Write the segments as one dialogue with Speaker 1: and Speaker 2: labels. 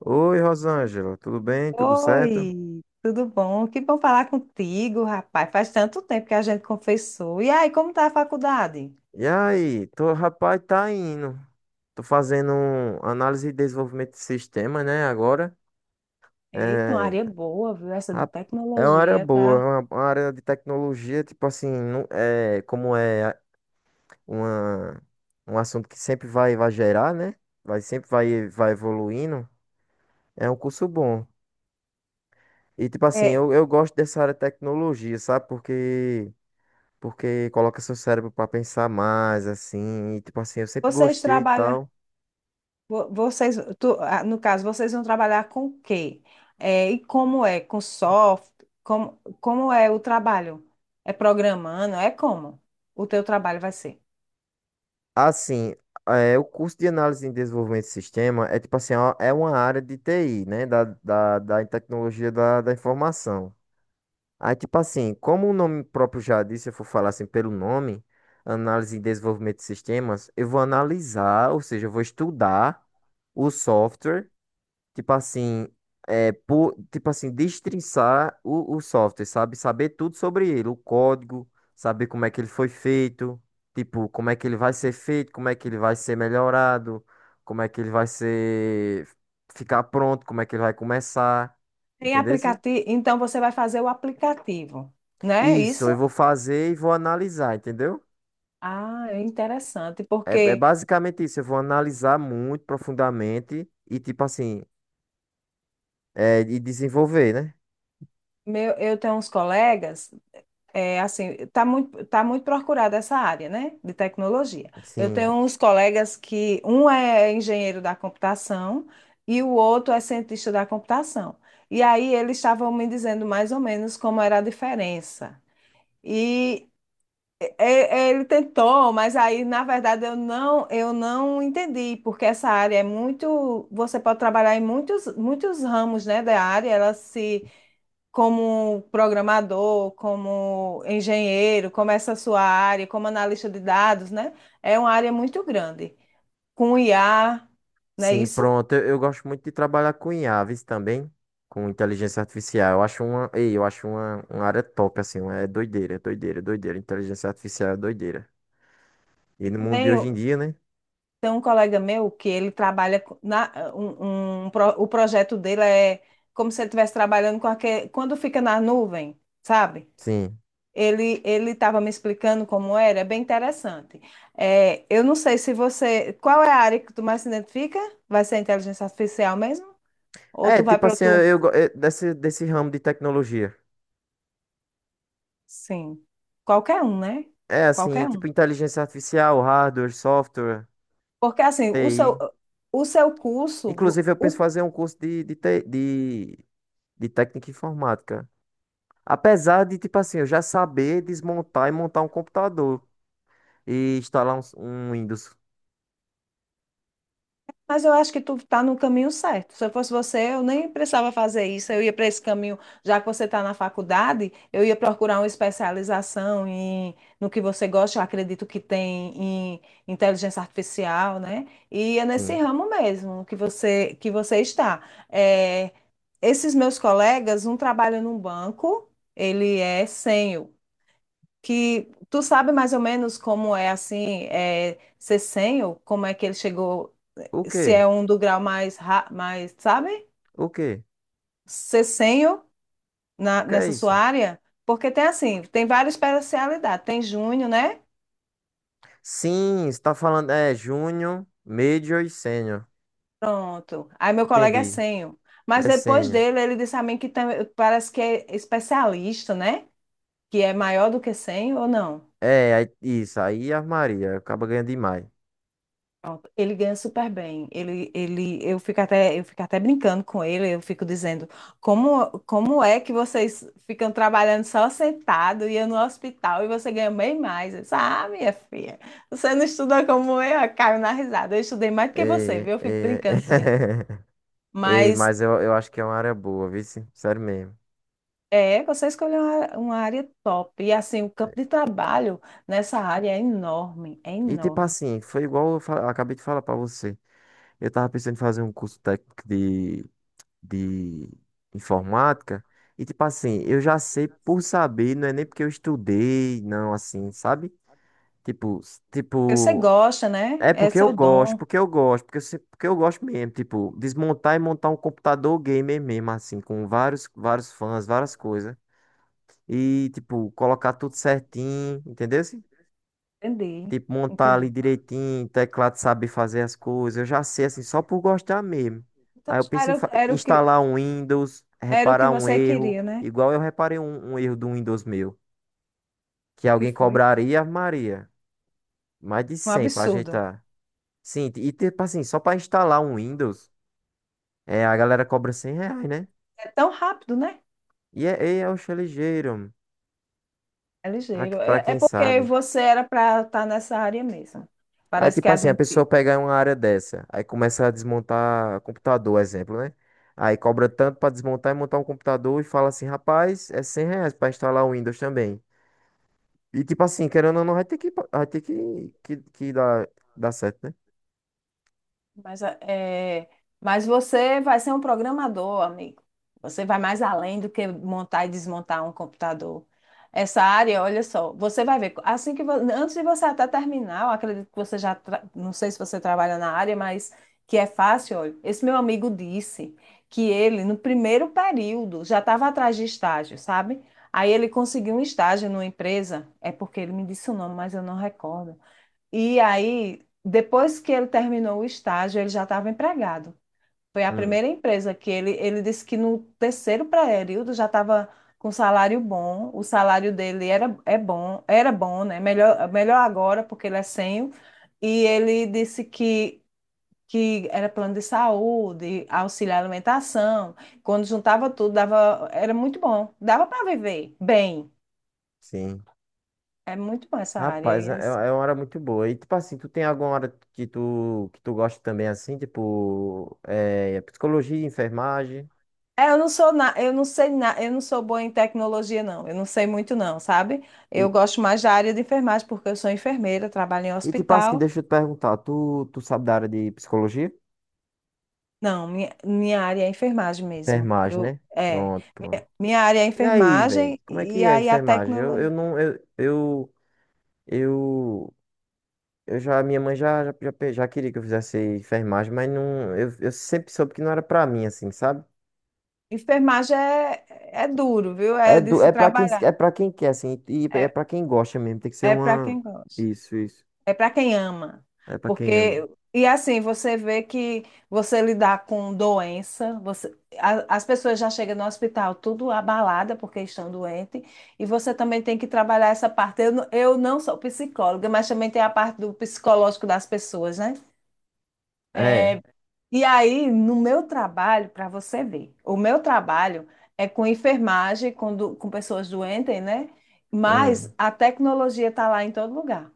Speaker 1: Oi, Rosângela, tudo bem? Tudo certo?
Speaker 2: Oi, tudo bom? Que bom falar contigo, rapaz. Faz tanto tempo que a gente confessou. E aí, como tá a faculdade?
Speaker 1: E aí, tô, rapaz, tá indo. Tô fazendo um análise e desenvolvimento de sistema, né, agora.
Speaker 2: Eita, uma
Speaker 1: É,
Speaker 2: área boa, viu? Essa de
Speaker 1: rap- é uma área
Speaker 2: tecnologia,
Speaker 1: boa, é
Speaker 2: tá?
Speaker 1: uma área de tecnologia, tipo assim, não, é, uma, um assunto que sempre vai, vai gerar, né? Vai, sempre vai, vai evoluindo. É um curso bom. E, tipo assim,
Speaker 2: É,
Speaker 1: eu gosto dessa área de tecnologia, sabe? Porque coloca seu cérebro pra pensar mais, assim, e tipo assim, eu sempre
Speaker 2: vocês
Speaker 1: gostei e
Speaker 2: trabalham,
Speaker 1: tal.
Speaker 2: vo- vocês, tu- ah, no caso, vocês vão trabalhar com o quê? É, e como é? Com software? Como é o trabalho? É programando? É como o teu trabalho vai ser?
Speaker 1: Assim, é, o curso de análise e desenvolvimento de sistema é tipo assim, ó, é uma área de TI, né? Da tecnologia da informação. Aí, tipo assim, como o nome próprio já disse, se eu for falar assim pelo nome, análise e desenvolvimento de sistemas, eu vou analisar, ou seja, eu vou estudar o software. Tipo assim, é, por, tipo assim, destrinçar o software, sabe? Saber tudo sobre ele, o código, saber como é que ele foi feito, tipo, como é que ele vai ser feito, como é que ele vai ser melhorado, como é que ele vai ser, ficar pronto, como é que ele vai começar,
Speaker 2: Tem
Speaker 1: entendeu?
Speaker 2: aplicativo, então você vai fazer o aplicativo, né?
Speaker 1: Isso, eu
Speaker 2: Isso?
Speaker 1: vou fazer e vou analisar, entendeu?
Speaker 2: Ah, é interessante,
Speaker 1: É, é
Speaker 2: porque
Speaker 1: basicamente isso, eu vou analisar muito profundamente e, tipo assim, é, e desenvolver, né?
Speaker 2: meu, eu tenho uns colegas, é, assim, tá muito procurada essa área, né, de tecnologia. Eu
Speaker 1: Sim.
Speaker 2: tenho uns colegas que um é engenheiro da computação e o outro é cientista da computação. E aí eles estavam me dizendo mais ou menos como era a diferença. Ele tentou, mas aí, na verdade, eu não entendi, porque essa área é muito. Você pode trabalhar em muitos, muitos ramos, né, da área, ela se. Como programador, como engenheiro, como essa sua área, como analista de dados, né? É uma área muito grande, com IA, não é
Speaker 1: Sim,
Speaker 2: isso?
Speaker 1: pronto. Eu gosto muito de trabalhar com IA, viu, também, com inteligência artificial. Eu acho uma, ei, eu acho uma área top, assim, é doideira, doideira, doideira. Inteligência artificial é doideira. E
Speaker 2: E
Speaker 1: no mundo de
Speaker 2: também
Speaker 1: hoje em dia, né?
Speaker 2: tem um colega meu que ele trabalha co- na um, um pro- o projeto dele é como se ele estivesse trabalhando com aquele, quando fica na nuvem, sabe?
Speaker 1: Sim.
Speaker 2: Ele estava me explicando como era, é bem interessante. É, eu não sei se você, qual é a área que tu mais se identifica? Vai ser inteligência artificial mesmo? Ou
Speaker 1: É,
Speaker 2: tu vai
Speaker 1: tipo
Speaker 2: para
Speaker 1: assim,
Speaker 2: outro?
Speaker 1: desse, desse ramo de tecnologia.
Speaker 2: Sim, qualquer um, né?
Speaker 1: É, assim,
Speaker 2: Qualquer
Speaker 1: tipo
Speaker 2: um.
Speaker 1: inteligência artificial, hardware, software,
Speaker 2: Porque assim, o seu
Speaker 1: TI.
Speaker 2: o seu curso,
Speaker 1: Inclusive, eu penso
Speaker 2: o...
Speaker 1: fazer um curso de, de técnica informática. Apesar de, tipo assim, eu já saber desmontar e montar um computador. E instalar um, um Windows.
Speaker 2: Mas eu acho que tu tá no caminho certo. Se eu fosse você, eu nem precisava fazer isso. Eu ia para esse caminho, já que você está na faculdade, eu ia procurar uma especialização em, no que você gosta, eu acredito que tem em inteligência artificial, né? E é nesse
Speaker 1: Sim.
Speaker 2: ramo mesmo que você está. É, esses meus colegas, um trabalha num banco, ele é sênior, que tu sabe mais ou menos como é assim, é, ser sênior, como é que ele chegou,
Speaker 1: O
Speaker 2: se
Speaker 1: quê?
Speaker 2: é um do grau mais, ra- mais, sabe?
Speaker 1: O quê?
Speaker 2: Cessenho
Speaker 1: O
Speaker 2: na,
Speaker 1: que é
Speaker 2: nessa sua
Speaker 1: isso?
Speaker 2: área? Porque tem assim, tem várias especialidades. Tem júnior, né?
Speaker 1: Sim, está falando é Júnior, Major e Sênior.
Speaker 2: Pronto. Aí meu colega é
Speaker 1: Entendi.
Speaker 2: senho. Mas
Speaker 1: Ele é
Speaker 2: depois
Speaker 1: Sênior.
Speaker 2: dele, ele disse a mim que tam- parece que é especialista, né? Que é maior do que senho ou não?
Speaker 1: Isso. Aí a Maria acaba ganhando demais.
Speaker 2: Pronto, ele ganha super bem. Eu fico até brincando com ele. Eu fico dizendo, como é que vocês ficam trabalhando só sentado e eu no hospital e você ganha bem mais? Eu disse, ah, minha filha, você não estuda como eu. Eu caio na risada. Eu estudei mais do que você,
Speaker 1: É,
Speaker 2: viu? Eu fico
Speaker 1: é,
Speaker 2: brincando com ele.
Speaker 1: Ei,
Speaker 2: Mas
Speaker 1: mas eu acho que é uma área boa, viu? Sério mesmo.
Speaker 2: é, você escolheu uma área top. E assim, o campo de trabalho nessa área é enorme, é
Speaker 1: E tipo
Speaker 2: enorme.
Speaker 1: assim, foi igual acabei de falar pra você. Eu tava pensando em fazer um curso técnico de informática. E tipo assim, eu já sei por saber, não é nem porque eu estudei, não, assim, sabe? Tipo, s-
Speaker 2: Você
Speaker 1: tipo,
Speaker 2: gosta, né?
Speaker 1: é porque
Speaker 2: Esse é
Speaker 1: eu
Speaker 2: o
Speaker 1: gosto,
Speaker 2: dom.
Speaker 1: porque eu gosto, porque eu, se- porque eu gosto mesmo, tipo, desmontar e montar um computador gamer mesmo, assim, com vários, vários fãs, várias coisas. E, tipo, colocar tudo certinho, entendeu?
Speaker 2: Entendi,
Speaker 1: Tipo, montar ali
Speaker 2: entendi.
Speaker 1: direitinho, teclado saber fazer as coisas. Eu já sei, assim, só por gostar mesmo.
Speaker 2: Então
Speaker 1: Aí eu
Speaker 2: já
Speaker 1: penso em
Speaker 2: era,
Speaker 1: fa- instalar um Windows,
Speaker 2: era o que
Speaker 1: reparar um
Speaker 2: você
Speaker 1: erro,
Speaker 2: queria, né?
Speaker 1: igual eu reparei um erro do Windows meu, que
Speaker 2: E
Speaker 1: alguém
Speaker 2: foi
Speaker 1: cobraria, Ave Maria, mais de
Speaker 2: um
Speaker 1: 100 pra
Speaker 2: absurdo.
Speaker 1: ajeitar. Sim, e tipo assim, só pra instalar um Windows, é, a galera cobra 100 reais, né?
Speaker 2: É tão rápido, né?
Speaker 1: E é, é, é ligeiro, mano,
Speaker 2: É ligeiro.
Speaker 1: pra
Speaker 2: É
Speaker 1: quem
Speaker 2: porque
Speaker 1: sabe.
Speaker 2: você era para estar nessa área mesmo.
Speaker 1: Aí,
Speaker 2: Parece que
Speaker 1: tipo
Speaker 2: a
Speaker 1: assim, a
Speaker 2: gente...
Speaker 1: pessoa pega uma área dessa, aí começa a desmontar computador, exemplo, né? Aí cobra tanto pra desmontar e montar um computador e fala assim, rapaz, é 100 reais pra instalar o Windows também. E tipo assim, querendo ou não, vai ter que dar, dar certo, né?
Speaker 2: Mas, é, mas você vai ser um programador, amigo. Você vai mais além do que montar e desmontar um computador. Essa área, olha só, você vai ver, assim que vo- antes de você até terminar, eu acredito que você já, tra- não sei se você trabalha na área, mas que é fácil, olha. Esse meu amigo disse que ele, no primeiro período, já estava atrás de estágio, sabe? Aí ele conseguiu um estágio numa empresa, é porque ele me disse o nome, mas eu não recordo. E aí, depois que ele terminou o estágio, ele já estava empregado. Foi a
Speaker 1: Hum.
Speaker 2: primeira empresa que ele disse que no terceiro período já estava com um salário bom. O salário dele era, é bom, era bom, né? Melhor, melhor agora, porque ele é sênior. E ele disse que era plano de saúde, auxílio à alimentação. Quando juntava tudo, dava, era muito bom. Dava para viver bem.
Speaker 1: Sim.
Speaker 2: É muito bom essa área.
Speaker 1: Rapaz,
Speaker 2: E
Speaker 1: é,
Speaker 2: assim...
Speaker 1: é uma hora muito boa. E tipo assim, tu tem alguma hora que que tu gosta também assim, tipo, é, psicologia, enfermagem?
Speaker 2: É, eu não sou boa em tecnologia não. Eu não sei muito não, sabe?
Speaker 1: E,
Speaker 2: Eu gosto mais da área de enfermagem porque eu sou enfermeira, trabalho em
Speaker 1: e tipo assim,
Speaker 2: hospital.
Speaker 1: deixa eu te perguntar, tu sabe da área de psicologia?
Speaker 2: Não, minha área é enfermagem mesmo.
Speaker 1: Enfermagem,
Speaker 2: Eu
Speaker 1: né?
Speaker 2: é,
Speaker 1: Pronto, pronto.
Speaker 2: minha área é
Speaker 1: E aí, velho?
Speaker 2: enfermagem
Speaker 1: Como é que
Speaker 2: e
Speaker 1: é a
Speaker 2: aí a
Speaker 1: enfermagem? Eu
Speaker 2: tecnologia...
Speaker 1: não, eu, eu já, minha mãe já queria que eu fizesse enfermagem, mas não, eu sempre soube que não era pra mim, assim, sabe?
Speaker 2: Enfermagem é, duro, viu?
Speaker 1: É,
Speaker 2: É de
Speaker 1: do,
Speaker 2: se trabalhar.
Speaker 1: é pra quem quer, assim, e é
Speaker 2: É,
Speaker 1: pra quem gosta mesmo, tem que ser
Speaker 2: é para
Speaker 1: uma...
Speaker 2: quem gosta.
Speaker 1: Isso, isso.
Speaker 2: É para quem ama.
Speaker 1: É pra quem ama.
Speaker 2: Porque, e assim, você vê que você lidar com doença, você, as pessoas já chegam no hospital tudo abalada porque estão doentes, e você também tem que trabalhar essa parte. Eu, não sou psicóloga, mas também tem a parte do psicológico das pessoas, né?
Speaker 1: É,
Speaker 2: É, e aí, no meu trabalho, para você ver, o meu trabalho é com enfermagem, com pessoas doentes, né?
Speaker 1: hum,
Speaker 2: Mas a tecnologia está lá em todo lugar.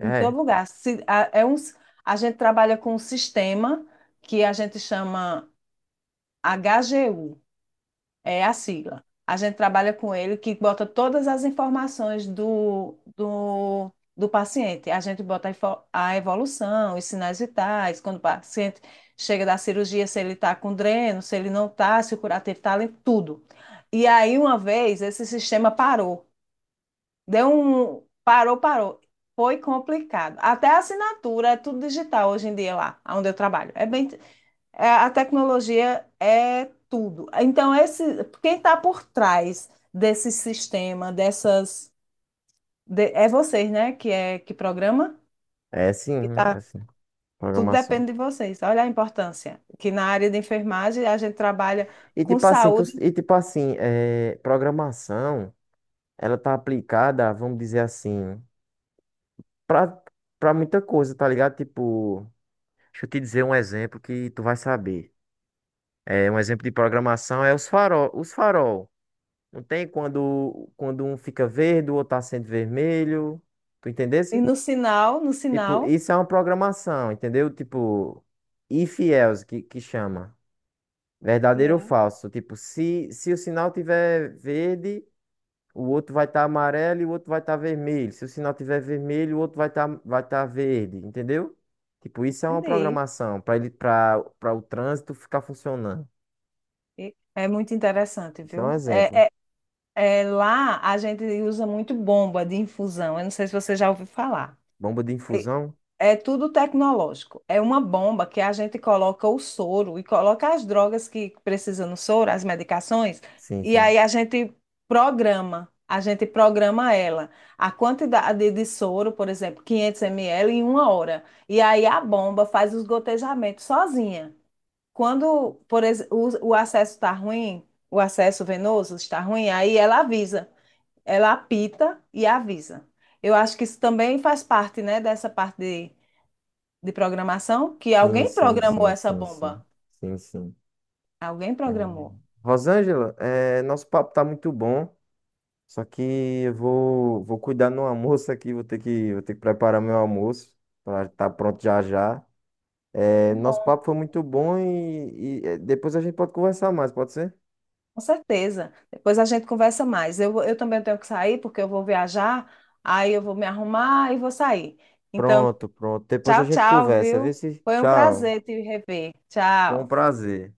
Speaker 2: Em
Speaker 1: é,
Speaker 2: todo lugar. É um... A gente trabalha com um sistema que a gente chama HGU, é a sigla. A gente trabalha com ele que bota todas as informações do paciente. A gente bota a evolução, os sinais vitais, quando o paciente chega da cirurgia, se ele está com dreno, se ele não está, se o curativo está limpo, tudo. E aí, uma vez, esse sistema parou. Deu um. Parou, parou. Foi complicado. Até a assinatura é tudo digital hoje em dia lá, onde eu trabalho. É bem, a tecnologia é tudo. Então, quem está por trás desse sistema, é vocês, né? Que é que programa? Que tá,
Speaker 1: assim,
Speaker 2: tudo
Speaker 1: programação.
Speaker 2: depende de vocês. Olha a importância. Que na área de enfermagem a gente trabalha
Speaker 1: E
Speaker 2: com saúde
Speaker 1: e tipo assim, é, programação, ela tá aplicada, vamos dizer assim... pra, pra muita coisa, tá ligado? Tipo, deixa eu te dizer um exemplo que tu vai saber. É, um exemplo de programação é os farol. Não tem quando, quando um fica verde, o outro acende vermelho. Tu
Speaker 2: e
Speaker 1: entendesse?
Speaker 2: no sinal, no
Speaker 1: Tipo,
Speaker 2: sinal.
Speaker 1: isso é uma programação, entendeu? Tipo, if else, que chama.
Speaker 2: E
Speaker 1: Verdadeiro ou
Speaker 2: é.
Speaker 1: falso? Tipo, se o sinal tiver verde, o outro vai estar amarelo e o outro vai estar vermelho. Se o sinal tiver vermelho, o outro vai estar vai tá verde, entendeu? Tipo, isso é uma
Speaker 2: Entendi.
Speaker 1: programação para ele para para o trânsito ficar funcionando.
Speaker 2: E é muito interessante,
Speaker 1: Isso é um
Speaker 2: viu? É,
Speaker 1: exemplo.
Speaker 2: é... É, lá a gente usa muito bomba de infusão. Eu não sei se você já ouviu falar.
Speaker 1: Bomba de
Speaker 2: É,
Speaker 1: infusão?
Speaker 2: é tudo tecnológico. É uma bomba que a gente coloca o soro e coloca as drogas que precisam no soro, as medicações,
Speaker 1: Sim,
Speaker 2: e
Speaker 1: sim.
Speaker 2: aí a gente programa. A gente programa ela. A quantidade de soro, por exemplo, 500 ml em uma hora. E aí a bomba faz os gotejamentos sozinha. Quando, o acesso está ruim, o acesso venoso está ruim, aí ela apita e avisa. Eu acho que isso também faz parte, né, dessa parte de programação, que
Speaker 1: Sim,
Speaker 2: alguém
Speaker 1: sim,
Speaker 2: programou
Speaker 1: sim,
Speaker 2: essa
Speaker 1: sim, sim.
Speaker 2: bomba.
Speaker 1: Sim, sim.
Speaker 2: Alguém
Speaker 1: É.
Speaker 2: programou.
Speaker 1: Rosângela, é, nosso papo tá muito bom. Só que eu vou, vou cuidar no almoço aqui, vou ter que preparar meu almoço para estar pronto já já. É, nosso
Speaker 2: Bom,
Speaker 1: papo foi muito bom e, é, depois a gente pode conversar mais, pode ser?
Speaker 2: com certeza. Depois a gente conversa mais. Eu também tenho que sair, porque eu vou viajar, aí eu vou me arrumar e vou sair. Então,
Speaker 1: Pronto, pronto. Depois a
Speaker 2: tchau,
Speaker 1: gente
Speaker 2: tchau,
Speaker 1: conversa. Vê
Speaker 2: viu?
Speaker 1: se.
Speaker 2: Foi um
Speaker 1: Tchau.
Speaker 2: prazer te rever.
Speaker 1: Foi um
Speaker 2: Tchau.
Speaker 1: prazer.